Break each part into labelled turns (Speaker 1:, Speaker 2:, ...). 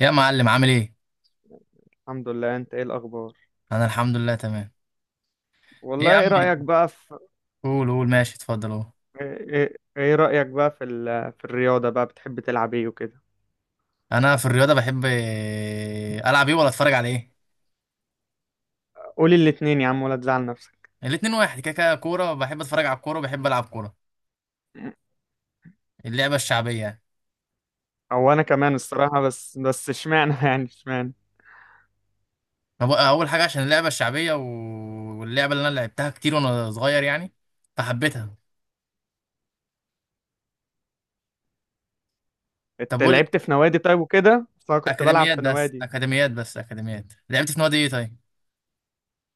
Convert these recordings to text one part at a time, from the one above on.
Speaker 1: يا معلم، عامل ايه؟
Speaker 2: الحمد لله. انت ايه الاخبار؟
Speaker 1: انا الحمد لله، تمام. ايه يا
Speaker 2: والله،
Speaker 1: عم؟
Speaker 2: ايه رايك بقى في...
Speaker 1: قول قول، ماشي، اتفضل اهو.
Speaker 2: ايه رايك بقى في في الرياضه بقى؟ بتحب تلعب ايه وكده؟
Speaker 1: انا في الرياضه بحب إيه، العب ايه ولا اتفرج على ايه؟
Speaker 2: قولي الاتنين يا عم ولا تزعل نفسك.
Speaker 1: الاتنين واحد، كده كده كوره. بحب اتفرج على الكوره وبحب العب كوره، اللعبه الشعبيه يعني.
Speaker 2: او انا كمان الصراحه، بس اشمعنى يعني اشمعنى.
Speaker 1: اول حاجه عشان اللعبه الشعبيه واللعبه اللي انا لعبتها كتير وانا صغير يعني، فحبيتها. طب
Speaker 2: انت
Speaker 1: قول،
Speaker 2: لعبت في نوادي طيب وكده؟ بس انا كنت بلعب
Speaker 1: اكاديميات
Speaker 2: في
Speaker 1: بس
Speaker 2: نوادي.
Speaker 1: اكاديميات. لعبت في نادي ايه طيب؟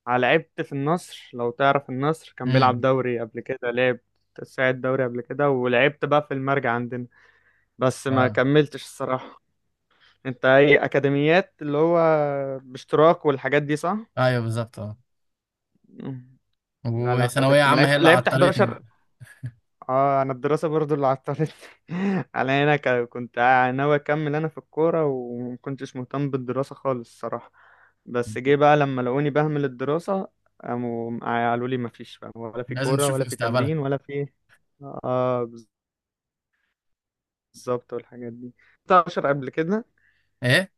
Speaker 2: لعبت في النصر، لو تعرف النصر كان بيلعب
Speaker 1: امم.
Speaker 2: دوري قبل كده، لعب ساعد دوري قبل كده، ولعبت بقى في المرجع عندنا، بس ما
Speaker 1: اه،
Speaker 2: كملتش الصراحه. انت ايه، اكاديميات اللي هو باشتراك والحاجات دي صح؟
Speaker 1: ايوه بالظبط، اه.
Speaker 2: لا لا،
Speaker 1: وثانويه
Speaker 2: فاتك، ما
Speaker 1: عامه هي
Speaker 2: لعبت
Speaker 1: اللي
Speaker 2: لعبت
Speaker 1: عطلتني بقى.
Speaker 2: 11. اه، انا الدراسه برضو اللي عطلت. على هنا كنت ناوي اكمل انا في الكوره، ومكنتش مهتم بالدراسه خالص الصراحه. بس جه بقى لما لقوني بهمل الدراسه، قاموا قالوا لي مفيش بقى، ولا في
Speaker 1: لازم
Speaker 2: كوره
Speaker 1: تشوف
Speaker 2: ولا في
Speaker 1: مستقبلها.
Speaker 2: تمرين ولا في... اه، بالظبط، والحاجات دي. 11 قبل كده؟
Speaker 1: ايه،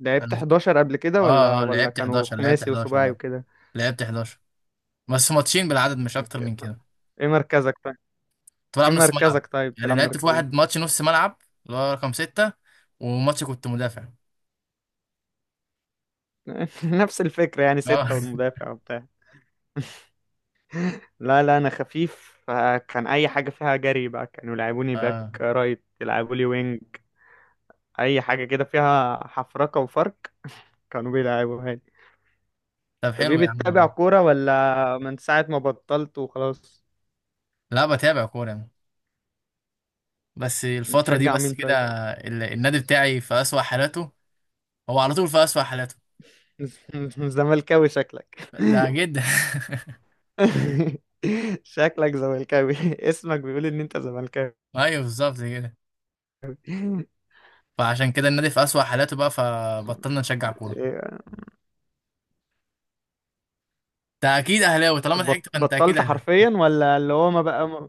Speaker 2: لعبت 11 قبل كده، ولا
Speaker 1: اه اه،
Speaker 2: ولا
Speaker 1: لعبت
Speaker 2: كانوا
Speaker 1: 11، لعبت
Speaker 2: خماسي
Speaker 1: 11،
Speaker 2: وسباعي
Speaker 1: اه،
Speaker 2: وكده؟
Speaker 1: لعبت 11، بس ماتشين بالعدد، مش اكتر من كده.
Speaker 2: ايه مركزك طيب؟
Speaker 1: كنت بلعب
Speaker 2: ايه
Speaker 1: نص ملعب.
Speaker 2: مركزك طيب،
Speaker 1: يعني
Speaker 2: تلعب
Speaker 1: لعبت في
Speaker 2: مركز؟
Speaker 1: واحد ماتش نص ملعب، اللي هو رقم ستة، وماتش كنت مدافع،
Speaker 2: نفس الفكرة يعني، 6
Speaker 1: اه.
Speaker 2: والمدافع وبتاع. لا لا، أنا خفيف، فكان أي حاجة فيها جري بقى كانوا يلعبوني باك
Speaker 1: اه،
Speaker 2: رايت، يلعبوا لي وينج. أي حاجة كده فيها حفركة وفرق كانوا بيلعبوها لي.
Speaker 1: طب
Speaker 2: طب إيه،
Speaker 1: حلو يا عم
Speaker 2: بتتابع
Speaker 1: والله.
Speaker 2: كورة ولا من ساعة ما بطلت وخلاص؟
Speaker 1: لا، بتابع كورة يعني، بس الفترة دي
Speaker 2: بتشجع
Speaker 1: بس
Speaker 2: مين
Speaker 1: كده.
Speaker 2: طيب؟
Speaker 1: النادي بتاعي في أسوأ حالاته، هو على طول في أسوأ حالاته،
Speaker 2: زملكاوي شكلك.
Speaker 1: ده جدا.
Speaker 2: شكلك زملكاوي. اسمك بيقول إن أنت زملكاوي.
Speaker 1: ايوه، بالظبط كده. فعشان كده النادي في أسوأ حالاته بقى، فبطلنا نشجع كورة. انت اكيد اهلاوي، طالما ضحكت
Speaker 2: بط-
Speaker 1: فانت اكيد
Speaker 2: بطلت
Speaker 1: اهلاوي.
Speaker 2: حرفيا ولا اللي هو ما بقى؟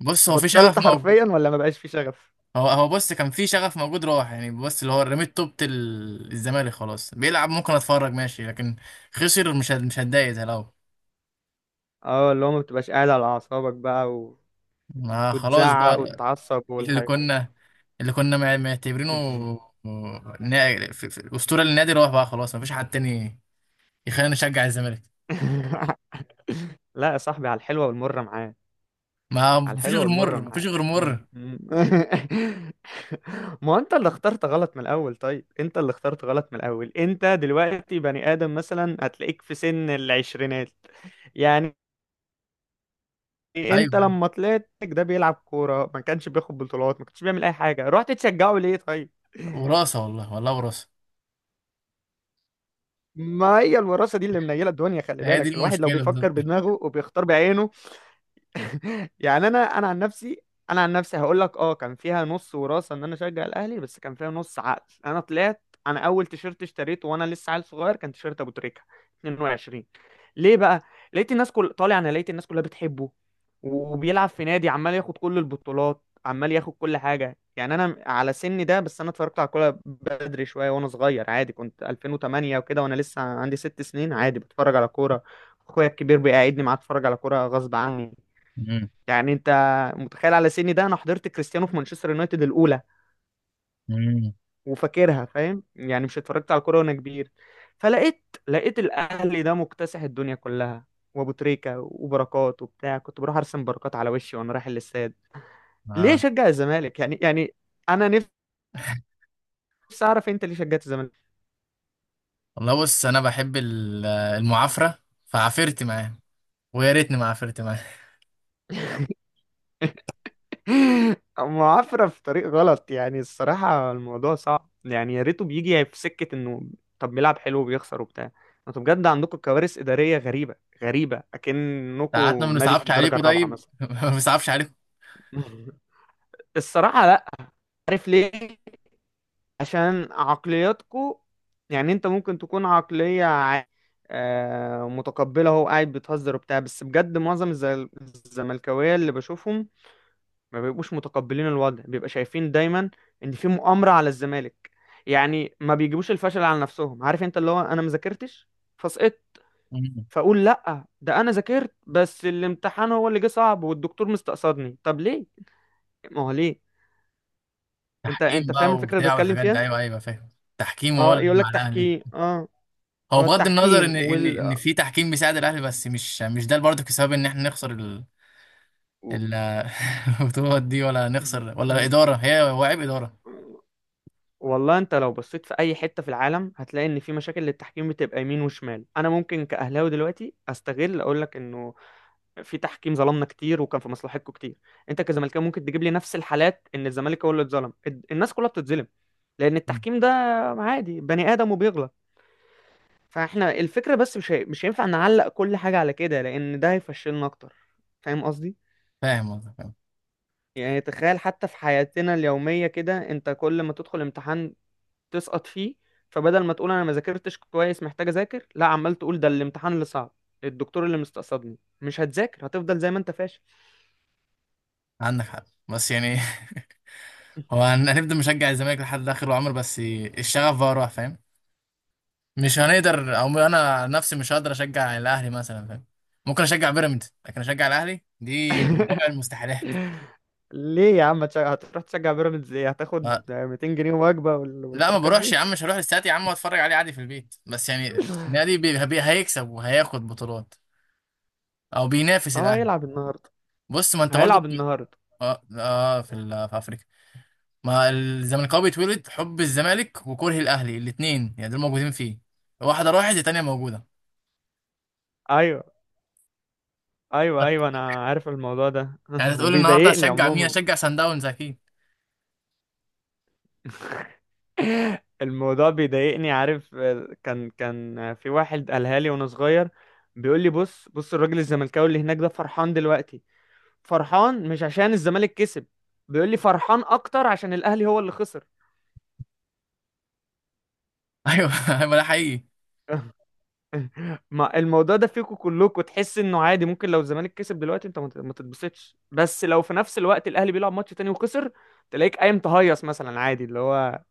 Speaker 1: بص، هو في شغف
Speaker 2: بطلت
Speaker 1: موجود.
Speaker 2: حرفيا ولا ما بقاش في شغف؟
Speaker 1: هو بص كان في شغف موجود راح يعني. بص، اللي هو رميت توبة الزمالك. خلاص، بيلعب ممكن اتفرج ماشي، لكن خسر مش هتضايق زي الاول.
Speaker 2: اه، اللي هو ما بتبقاش قاعد على اعصابك بقى، و...
Speaker 1: ما خلاص بقى.
Speaker 2: وتزعق وتتعصب
Speaker 1: اللي
Speaker 2: والحاجة.
Speaker 1: كنا اللي كنا معتبرينه اسطوره للنادي، راح بقى خلاص، ما فيش حد تاني يخلينا نشجع الزمالك.
Speaker 2: لا يا صاحبي، على الحلوة والمرة معاه. على
Speaker 1: ما فيش
Speaker 2: الحلوة
Speaker 1: غير
Speaker 2: والمرة
Speaker 1: مر، ما فيش
Speaker 2: معاه.
Speaker 1: غير مر.
Speaker 2: ما هو انت اللي اخترت غلط من الاول. طيب، انت اللي اخترت غلط من الاول. انت دلوقتي بني ادم مثلا هتلاقيك في سن العشرينات يعني. انت
Speaker 1: ايوه، أيوة.
Speaker 2: لما طلعت ده بيلعب كورة، ما كانش بياخد بطولات، ما كانش بيعمل اي حاجة، رحت تشجعه ليه طيب؟
Speaker 1: وراثه والله، والله وراثه.
Speaker 2: ما هي الوراثة دي اللي منيلة الدنيا. خلي
Speaker 1: هي دي
Speaker 2: بالك، الواحد لو
Speaker 1: المشكله
Speaker 2: بيفكر
Speaker 1: بالظبط.
Speaker 2: بدماغه وبيختار بعينه. يعني انا عن نفسي، انا عن نفسي هقول لك اه، كان فيها نص وراثه ان انا اشجع الاهلي، بس كان فيها نص عقل. انا طلعت، انا اول تيشيرت اشتريته وانا لسه عيل صغير كان تيشيرت ابو تريكه 22. ليه بقى؟ لقيت الناس كل طالع انا لقيت الناس كلها بتحبه، وبيلعب في نادي عمال ياخد كل البطولات، عمال ياخد كل حاجه. يعني انا على سني ده، بس انا اتفرجت على الكوره بدري شويه وانا صغير، عادي كنت 2008 وكده، وانا لسه عندي 6 سنين، عادي بتفرج على كوره. اخويا الكبير بيقعدني معاه اتفرج على كوره غصب عني.
Speaker 1: مم.
Speaker 2: يعني انت متخيل، على سني ده انا حضرت كريستيانو في مانشستر يونايتد الاولى
Speaker 1: مم.
Speaker 2: وفاكرها. فاهم يعني، مش اتفرجت على الكوره وانا كبير. فلقيت الاهلي ده مكتسح الدنيا كلها، وابو تريكه وبركات وبتاع. كنت بروح ارسم بركات على وشي وانا رايح الاستاد. ليه
Speaker 1: اه.
Speaker 2: شجع الزمالك يعني انا نفسي اعرف انت ليه شجعت الزمالك.
Speaker 1: والله بص، انا بحب المعافره، فعافرت معاه، ويا ريتني ما عفرت معاه.
Speaker 2: معافرة في طريق غلط يعني، الصراحة الموضوع صعب يعني، يا ريته بيجي في سكة انه طب بيلعب حلو وبيخسر وبتاع. انتوا بجد عندكم كوارث إدارية غريبة، غريبة أكنكم
Speaker 1: ساعاتنا ما
Speaker 2: نادي في
Speaker 1: بنصعبش
Speaker 2: الدرجة
Speaker 1: عليكم
Speaker 2: الرابعة
Speaker 1: طيب،
Speaker 2: مثلا.
Speaker 1: ما بنصعبش عليكم.
Speaker 2: الصراحة لا. عارف ليه؟ عشان عقلياتكم. يعني انت ممكن تكون عقلية متقبلة، هو قاعد بتهزر وبتاع، بس بجد معظم الزملكاوية اللي بشوفهم ما بيبقوش متقبلين الوضع، بيبقى شايفين دايما ان في مؤامرة على الزمالك. يعني ما بيجيبوش الفشل على نفسهم. عارف انت اللي هو انا ما ذاكرتش فسقطت،
Speaker 1: مم.
Speaker 2: فاقول لا، ده انا ذاكرت، بس الامتحان هو اللي جه صعب والدكتور مستقصدني. طب ليه؟ ما هو ليه؟ انت
Speaker 1: تحكيم
Speaker 2: انت فاهم
Speaker 1: بقى
Speaker 2: الفكرة اللي
Speaker 1: وبتاع
Speaker 2: بتكلم
Speaker 1: والحاجات دي،
Speaker 2: فيها.
Speaker 1: ايوه ايوه فاهم. تحكيم هو
Speaker 2: اه،
Speaker 1: اللي
Speaker 2: يقول لك
Speaker 1: مع الاهلي.
Speaker 2: تحكيم، اه.
Speaker 1: هو
Speaker 2: اه،
Speaker 1: بغض النظر ان
Speaker 2: التحكيم
Speaker 1: ان ان
Speaker 2: وال...
Speaker 1: في تحكيم بيساعد الاهلي، بس مش ده برضه السبب ان احنا نخسر
Speaker 2: و-...
Speaker 1: ال- البطولات دي، ولا نخسر ولا اداره، هو عيب اداره.
Speaker 2: والله انت لو بصيت في اي حتة في العالم هتلاقي ان في مشاكل للتحكيم بتبقى يمين وشمال. انا ممكن كأهلاوي دلوقتي استغل اقول لك انه في تحكيم ظلمنا كتير وكان في مصلحتكم كتير. انت كزملكاوي ممكن تجيب لي نفس الحالات ان الزمالك هو اللي اتظلم. الناس كلها بتتظلم لان
Speaker 1: مم.
Speaker 2: التحكيم ده عادي بني ادم وبيغلط. فاحنا الفكره بس مش هينفع نعلق كل حاجه على كده، لان ده هيفشلنا اكتر. فاهم قصدي؟
Speaker 1: فاهم قصدك، فاهم.
Speaker 2: يعني تخيل حتى في حياتنا اليوميه كده، انت كل ما تدخل امتحان تسقط فيه، فبدل ما تقول انا ما ذاكرتش كويس، محتاج اذاكر، لا عمال تقول ده الامتحان اللي صعب، الدكتور اللي مستقصدني. مش هتذاكر، هتفضل زي ما انت فاشل.
Speaker 1: عندك حق، بس يعني هو هنفضل مشجع الزمالك لحد اخر العمر، بس الشغف بقى راح، فاهم. مش هنقدر، او انا نفسي مش هقدر اشجع الاهلي مثلا، فاهم. ممكن اشجع بيراميدز، لكن اشجع الاهلي دي من رابع المستحيلات.
Speaker 2: ليه يا عم هتروح تشجع بيراميدز؟ ايه، هتاخد
Speaker 1: ما
Speaker 2: 200 جنيه وجبة
Speaker 1: لا، ما
Speaker 2: والحركات
Speaker 1: بروحش
Speaker 2: دي؟
Speaker 1: يا عم، مش هروح الاستاد يا عم واتفرج عليه عادي في البيت. بس يعني النادي هيكسب وهياخد بطولات، او بينافس
Speaker 2: اه،
Speaker 1: الاهلي.
Speaker 2: هيلعب النهاردة.
Speaker 1: بص، ما انت برضو.
Speaker 2: هيلعب النهاردة.
Speaker 1: اه، آه في في افريقيا. ما الزملكاوي بيتولد حب الزمالك وكره الاهلي الاثنين، يعني دول موجودين فيه، واحده راحت الثانيه موجوده.
Speaker 2: ايوه ايوه، ايوه انا عارف الموضوع ده.
Speaker 1: يعني تقول النهارده
Speaker 2: وبيضايقني
Speaker 1: هشجع مين؟
Speaker 2: عموما.
Speaker 1: هشجع سان داونز اكيد.
Speaker 2: الموضوع بيضايقني، عارف. كان في واحد قالها لي وانا صغير، بيقول لي، بص بص، الراجل الزملكاوي اللي هناك ده فرحان دلوقتي، فرحان مش عشان الزمالك كسب، بيقول لي فرحان اكتر عشان الاهلي هو اللي خسر.
Speaker 1: ايوه، ما ده حقيقي.
Speaker 2: ما الموضوع ده فيكوا كلكوا، تحس انه عادي، ممكن لو الزمالك كسب دلوقتي انت ما تتبسطش، بس لو في نفس الوقت الاهلي بيلعب ماتش تاني وخسر، تلاقيك قايم تهيص مثلا عادي اللي هو.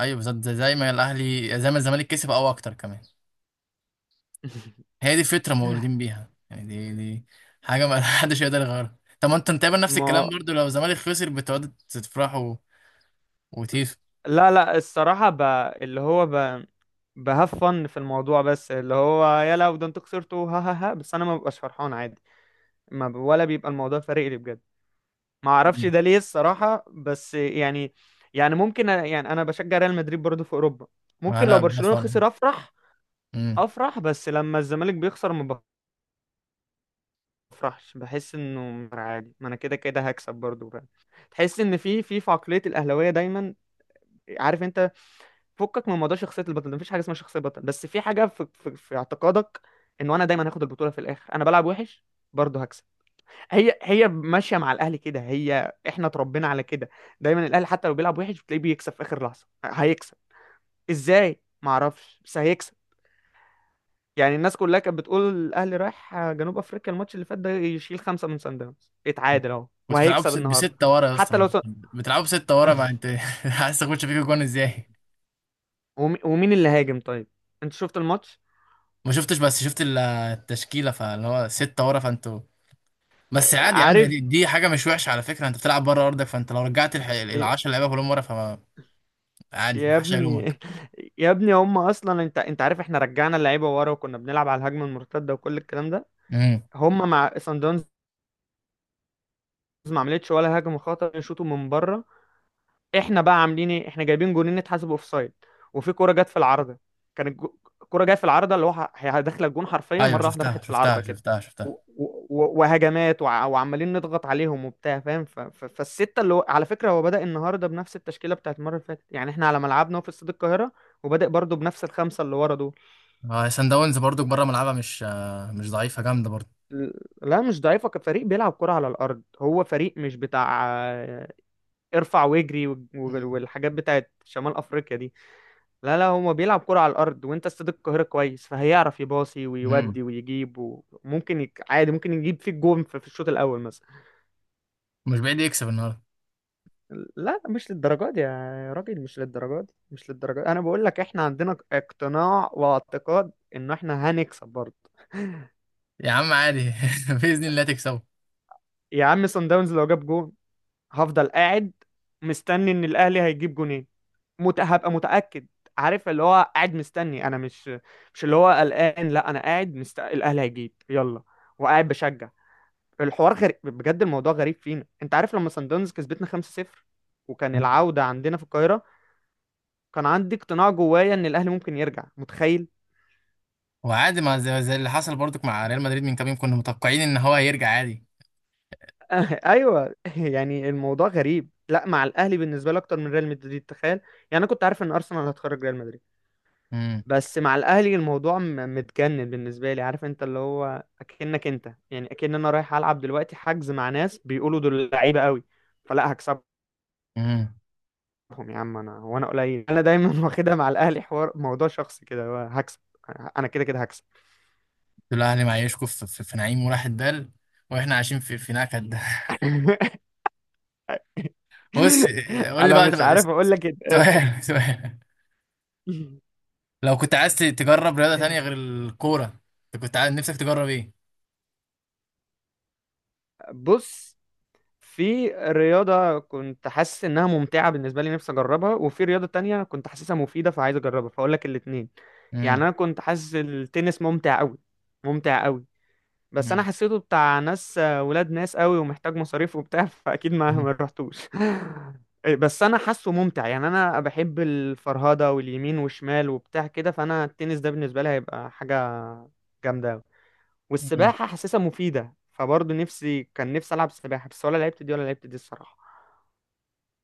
Speaker 1: ايوه بالظبط، زي ما الاهلي، زي ما الزمالك كسب او اكتر كمان. هي دي الفكره، مولودين بيها يعني. دي حاجه ما حدش يقدر يغيرها. طب ما انتوا تقريبا نفس الكلام
Speaker 2: ما
Speaker 1: برضو، لو الزمالك خسر بتقعدوا تفرحوا وتيف.
Speaker 2: لا لا، الصراحة ب... اللي هو ب... بهاف فن في الموضوع، بس اللي هو يلا ده انتوا خسرتوا، ها ها ها، بس انا ما ببقاش فرحان عادي. ما ب... ولا بيبقى الموضوع فارق لي بجد. ما اعرفش
Speaker 1: مم.
Speaker 2: ده ليه الصراحة، بس يعني. يعني ممكن يعني انا بشجع ريال مدريد برضه في اوروبا،
Speaker 1: ما
Speaker 2: ممكن لو
Speaker 1: انا بلس
Speaker 2: برشلونة
Speaker 1: وان.
Speaker 2: خسر افرح.
Speaker 1: امم
Speaker 2: افرح، بس لما الزمالك بيخسر ما بفرحش، بحس انه عادي، ما انا كده كده هكسب برضو بقى. تحس ان في عقليه الاهلاويه دايما، عارف انت، فكك من موضوع شخصيه البطل ده، مفيش حاجه اسمها شخصيه بطل، بس في حاجه في اعتقادك انه انا دايما هاخد البطوله في الاخر. انا بلعب وحش برضه هكسب. هي هي ماشيه مع الاهلي كده، هي احنا اتربينا على كده. دايما الاهلي حتى لو بيلعب وحش بتلاقيه بيكسب في اخر لحظه، هيكسب ازاي معرفش، بس هيكسب. يعني الناس كلها كانت بتقول الاهلي رايح جنوب افريقيا الماتش اللي فات ده يشيل خمسه من سان داونز، يتعادل اهو
Speaker 1: كنتوا بتلعبوا
Speaker 2: وهيكسب النهارده.
Speaker 1: بستة ورا يا
Speaker 2: حتى
Speaker 1: اسطى.
Speaker 2: لو س...
Speaker 1: بتلعبوا بستة ورا، ما انت عايز تخش فيكوا جون ازاي؟
Speaker 2: ومين اللي هاجم طيب؟ انت شفت الماتش؟
Speaker 1: ما شفتش، بس شفت التشكيله، فاللي هو ستة ورا فانتوا. بس عادي يا عم،
Speaker 2: عارف
Speaker 1: دي حاجه مش وحشه على فكره. انت بتلعب بره ارضك، فانت لو رجعت ال 10 لعيبه كلهم ورا فما عادي، ما
Speaker 2: يا
Speaker 1: حدش
Speaker 2: ابني.
Speaker 1: هيلومك.
Speaker 2: يا ابني هم اصلا، انت عارف، احنا رجعنا اللعيبه ورا وكنا بنلعب على الهجمه المرتده وكل الكلام ده،
Speaker 1: امم.
Speaker 2: هم مع سان داونز ما عملتش ولا هجمه خطر، يشوطوا من بره. احنا بقى عاملين ايه؟ احنا جايبين جونين اتحسبوا اوف سايد، وفي كوره جت في العارضه. كان الكوره جايه في العارضه، اللي هو هي داخله الجون حرفيا
Speaker 1: ايوه
Speaker 2: مره واحده،
Speaker 1: شفتها
Speaker 2: راحت في العارضه
Speaker 1: شفتها
Speaker 2: كده.
Speaker 1: شفتها شفتها.
Speaker 2: وهجمات، وعمالين نضغط عليهم وبتاع، فاهم؟ فالسته اللي هو على فكره هو بدأ النهارده بنفس التشكيله بتاعت المره اللي فاتت، يعني احنا على ملعبنا في استاد القاهره، وبادئ برضه بنفس الخمسه اللي ورا دول.
Speaker 1: آه، سان داونز برضو بره ملعبها مش ضعيفه، جامده برضو.
Speaker 2: ل- لا مش ضعيفه، كفريق بيلعب كرة على الارض، هو فريق مش بتاع آه، ارفع واجري والحاجات بتاعت شمال افريقيا دي. لا لا، هو بيلعب كرة على الأرض، وأنت استاد القاهرة كويس، فهيعرف يباصي
Speaker 1: امم
Speaker 2: ويودي ويجيب، وممكن عادي ممكن يجيب فيك جون في الشوط الأول مثلا.
Speaker 1: مش بعيد يكسب النهارده.
Speaker 2: لا مش للدرجة دي يا راجل، مش للدرجة دي، مش للدرجة دي. أنا بقول لك إحنا عندنا اقتناع واعتقاد إن إحنا هنكسب برضه.
Speaker 1: يا عم عادي، باذن الله تكسبه.
Speaker 2: يا عم صن داونز لو جاب جون، هفضل قاعد مستني ان الاهلي هيجيب جونين. هبقى متاكد. عارف، اللي هو قاعد مستني، انا مش، مش اللي هو قلقان، لا انا قاعد الاهلي هيجيب يلا، وقاعد بشجع. الحوار غريب بجد، الموضوع غريب فينا. انت عارف لما سان داونز كسبتنا 5-0 وكان
Speaker 1: مم.
Speaker 2: العودة عندنا في القاهرة، كان عندي اقتناع جوايا ان الاهلي ممكن يرجع، متخيل؟
Speaker 1: وعادي، ما زي اللي حصل برضو مع ريال مدريد من كام يوم، كنا متوقعين ان هو هيرجع عادي.
Speaker 2: ايوه، يعني الموضوع غريب، لا مع الاهلي بالنسبة لي اكتر من ريال مدريد. تخيل يعني، انا كنت عارف ان ارسنال هتخرج ريال مدريد،
Speaker 1: امم
Speaker 2: بس مع الاهلي الموضوع متجنن بالنسبة لي. عارف انت اللي هو اكنك انت يعني اكن انا رايح العب دلوقتي حجز مع ناس بيقولوا دول لعيبة قوي، فلا هكسب،
Speaker 1: امم
Speaker 2: بكسبهم. يا عم انا، وانا قليل انا دايما واخدها مع الاهلي حوار موضوع شخصي كده، هو هكسب، انا كده كده هكسب.
Speaker 1: الاهلي معيشكم في نعيم وراحة دال، واحنا عايشين في نكد. بص، قول لي
Speaker 2: انا
Speaker 1: بقى
Speaker 2: مش
Speaker 1: تبقى،
Speaker 2: عارف اقول لك إيه.
Speaker 1: سؤال سؤال. لو كنت عايز تجرب رياضه تانية غير الكوره، انت كنت عايز نفسك تجرب ايه؟
Speaker 2: بص، في رياضة كنت حاسس انها ممتعة بالنسبة لي، نفسي اجربها، وفي رياضة تانية كنت حاسسها مفيدة فعايز اجربها، فاقول لك الاتنين. يعني انا كنت حاسس التنس ممتع قوي، ممتع قوي، بس انا
Speaker 1: امم.
Speaker 2: حسيته بتاع ناس ولاد ناس قوي، ومحتاج مصاريف وبتاع فاكيد ما
Speaker 1: مم.
Speaker 2: رحتوش. بس انا حاسه ممتع يعني، انا بحب الفرهده واليمين والشمال وبتاع كده، فانا التنس ده بالنسبه لي هيبقى حاجه جامده أوي.
Speaker 1: مم.
Speaker 2: والسباحه حاسسها مفيده، فبرضه نفسي، كان نفسي العب سباحه، بس ولا لعبت دي ولا لعبت دي الصراحه.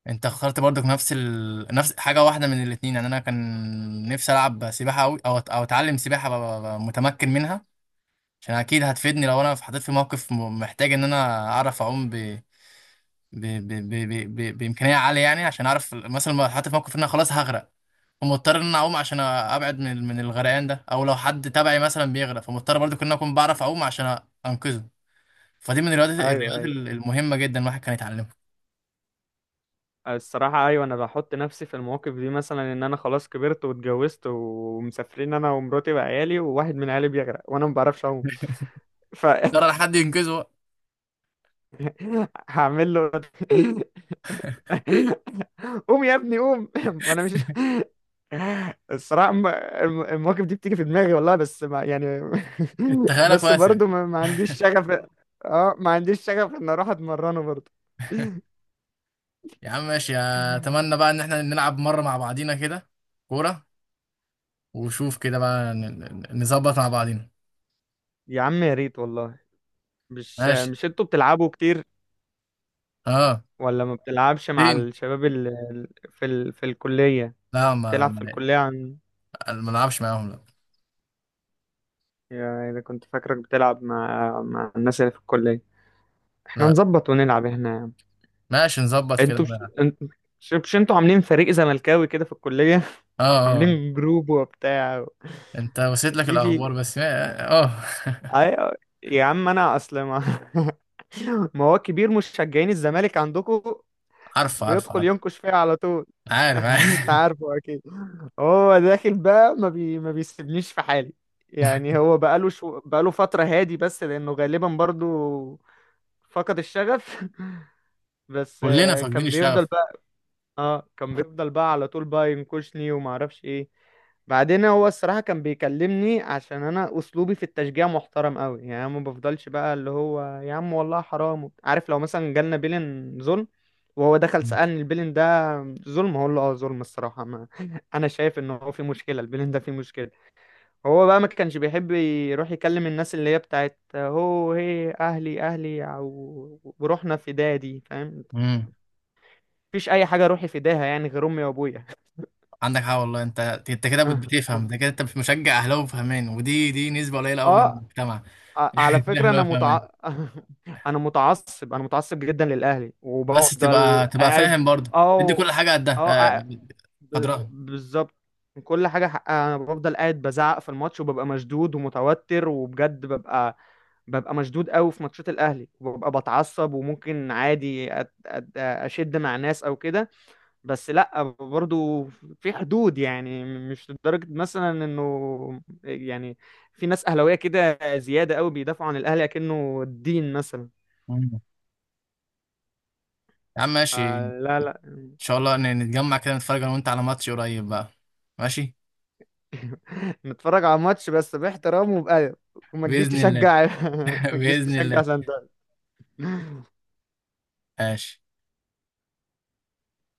Speaker 1: انت اخترت برضك نفس نفس حاجه واحده من الاثنين يعني. انا كان نفسي العب سباحه قوي، او او اتعلم سباحه، ابقى ابقى متمكن منها، عشان اكيد هتفيدني لو انا اتحطيت في موقف محتاج ان انا اعرف اعوم ب... بامكانيه عاليه يعني. عشان اعرف مثلا لو اتحطيت في موقف ان انا خلاص هغرق، فمضطر ان انا اعوم عشان ابعد من من الغرقان ده، او لو حد تبعي مثلا بيغرق، فمضطر برضو ان انا اكون بعرف اعوم عشان انقذه. فدي من الرياضات،
Speaker 2: ايوه
Speaker 1: الرياضات
Speaker 2: ايوه،
Speaker 1: المهمه جدا الواحد كان يتعلمها.
Speaker 2: الصراحه ايوه، انا بحط نفسي في المواقف دي، مثلا ان انا خلاص كبرت واتجوزت ومسافرين انا ومراتي وعيالي، وواحد من عيالي بيغرق وانا ما بعرفش اعوم، ف...
Speaker 1: ترى حد ينقذه.
Speaker 2: هعمل له قوم يا ابني قوم. ما انا مش، الصراحه المواقف دي بتيجي في دماغي والله، بس ما يعني.
Speaker 1: انت خيالك
Speaker 2: بس
Speaker 1: واسع.
Speaker 2: برضو ما عنديش شغف. اه، ما عنديش شغف ان اروح اتمرنه برضو.
Speaker 1: يا عم ماشي، اتمنى بقى ان احنا نلعب مرة مع بعضينا كده كورة، وشوف كده بقى نظبط مع بعضينا.
Speaker 2: يا عم يا ريت والله. مش
Speaker 1: ماشي.
Speaker 2: مش انتوا بتلعبوا كتير،
Speaker 1: اه.
Speaker 2: ولا ما بتلعبش مع
Speaker 1: فين؟
Speaker 2: الشباب اللي في في الكليه؟
Speaker 1: لا،
Speaker 2: بتلعب في الكليه؟ عن،
Speaker 1: ما نلعبش معاهم، لا.
Speaker 2: يعني اذا كنت فاكرك بتلعب مع الناس اللي في الكليه، احنا
Speaker 1: لا،
Speaker 2: نظبط ونلعب هنا يا عم.
Speaker 1: ماشي، نظبط كده
Speaker 2: انتوا مش
Speaker 1: نلعب.
Speaker 2: انتوا، مش انتوا عاملين فريق زملكاوي كده في الكلية؟
Speaker 1: اه اه.
Speaker 2: عاملين جروب وبتاع، و-،
Speaker 1: انت وصلت لك
Speaker 2: في،
Speaker 1: الاخبار بس، اه.
Speaker 2: ايوه، يا عم انا اصل ما... ما هو كبير مشجعين الزمالك عندكم
Speaker 1: عارف عارف
Speaker 2: بيدخل
Speaker 1: عارف
Speaker 2: ينكش فيها على طول.
Speaker 1: عارف عارف.
Speaker 2: انت عارفه اكيد. هو داخل بقى، ما بيسيبنيش في حالي. يعني هو بقاله فترة هادي، بس لانه غالبا برضو فقد الشغف. بس
Speaker 1: كلنا فاقدين
Speaker 2: كان بيفضل،
Speaker 1: الشغف.
Speaker 2: اه، كان بيفضل بقى على طول بقى ينكشني وما اعرفش ايه. بعدين هو الصراحة كان بيكلمني عشان انا اسلوبي في التشجيع محترم قوي، يعني أنا ما بفضلش بقى اللي هو يا عم والله حرام، عارف لو مثلا جالنا بيلن ظلم وهو دخل سألني البيلن ده ظلم، هقول له اه ظلم الصراحة، ما انا شايف ان هو في مشكلة، البيلن ده في مشكلة. هو بقى ما كانش بيحب يروح يكلم الناس اللي هي بتاعت هو، هي اهلي اهلي، او وروحنا فدادي، فاهم؟
Speaker 1: امم
Speaker 2: مفيش اي حاجة روحي فداها يعني غير امي وابويا.
Speaker 1: عندك حق والله. انت كده
Speaker 2: اه،
Speaker 1: بتفهم ده كده. انت مشجع اهلاوي فهمان، ودي نسبة قليلة قوي من
Speaker 2: آه،
Speaker 1: المجتمع.
Speaker 2: على
Speaker 1: لا
Speaker 2: فكرة
Speaker 1: لا.
Speaker 2: انا انا متعصب جدا للاهلي
Speaker 1: بس
Speaker 2: وبفضل
Speaker 1: تبقى
Speaker 2: قاعد.
Speaker 1: فاهم برضه. ادي كل
Speaker 2: او
Speaker 1: حاجه قدها،
Speaker 2: اه، ب-
Speaker 1: قدرها.
Speaker 2: بالظبط كل حاجة حقها انا بفضل قاعد بزعق في الماتش وببقى مشدود ومتوتر، وبجد ببقى مشدود قوي في ماتشات الاهلي، وببقى بتعصب، وممكن عادي اشد مع ناس او كده. بس لا برضو في حدود يعني، مش لدرجة مثلا انه يعني في ناس اهلاوية كده زيادة قوي بيدافعوا عن الاهلي كأنه الدين مثلا.
Speaker 1: مم. يا عم ماشي، ان
Speaker 2: آه لا لا.
Speaker 1: شاء الله نتجمع كده نتفرج انا وانت على ماتش قريب بقى. ماشي.
Speaker 2: نتفرج على ماتش بس باحترام وبأدب، وما تجيش
Speaker 1: باذن الله.
Speaker 2: تشجع. ما تجيش
Speaker 1: باذن
Speaker 2: تشجع
Speaker 1: الله.
Speaker 2: سانتا.
Speaker 1: ماشي.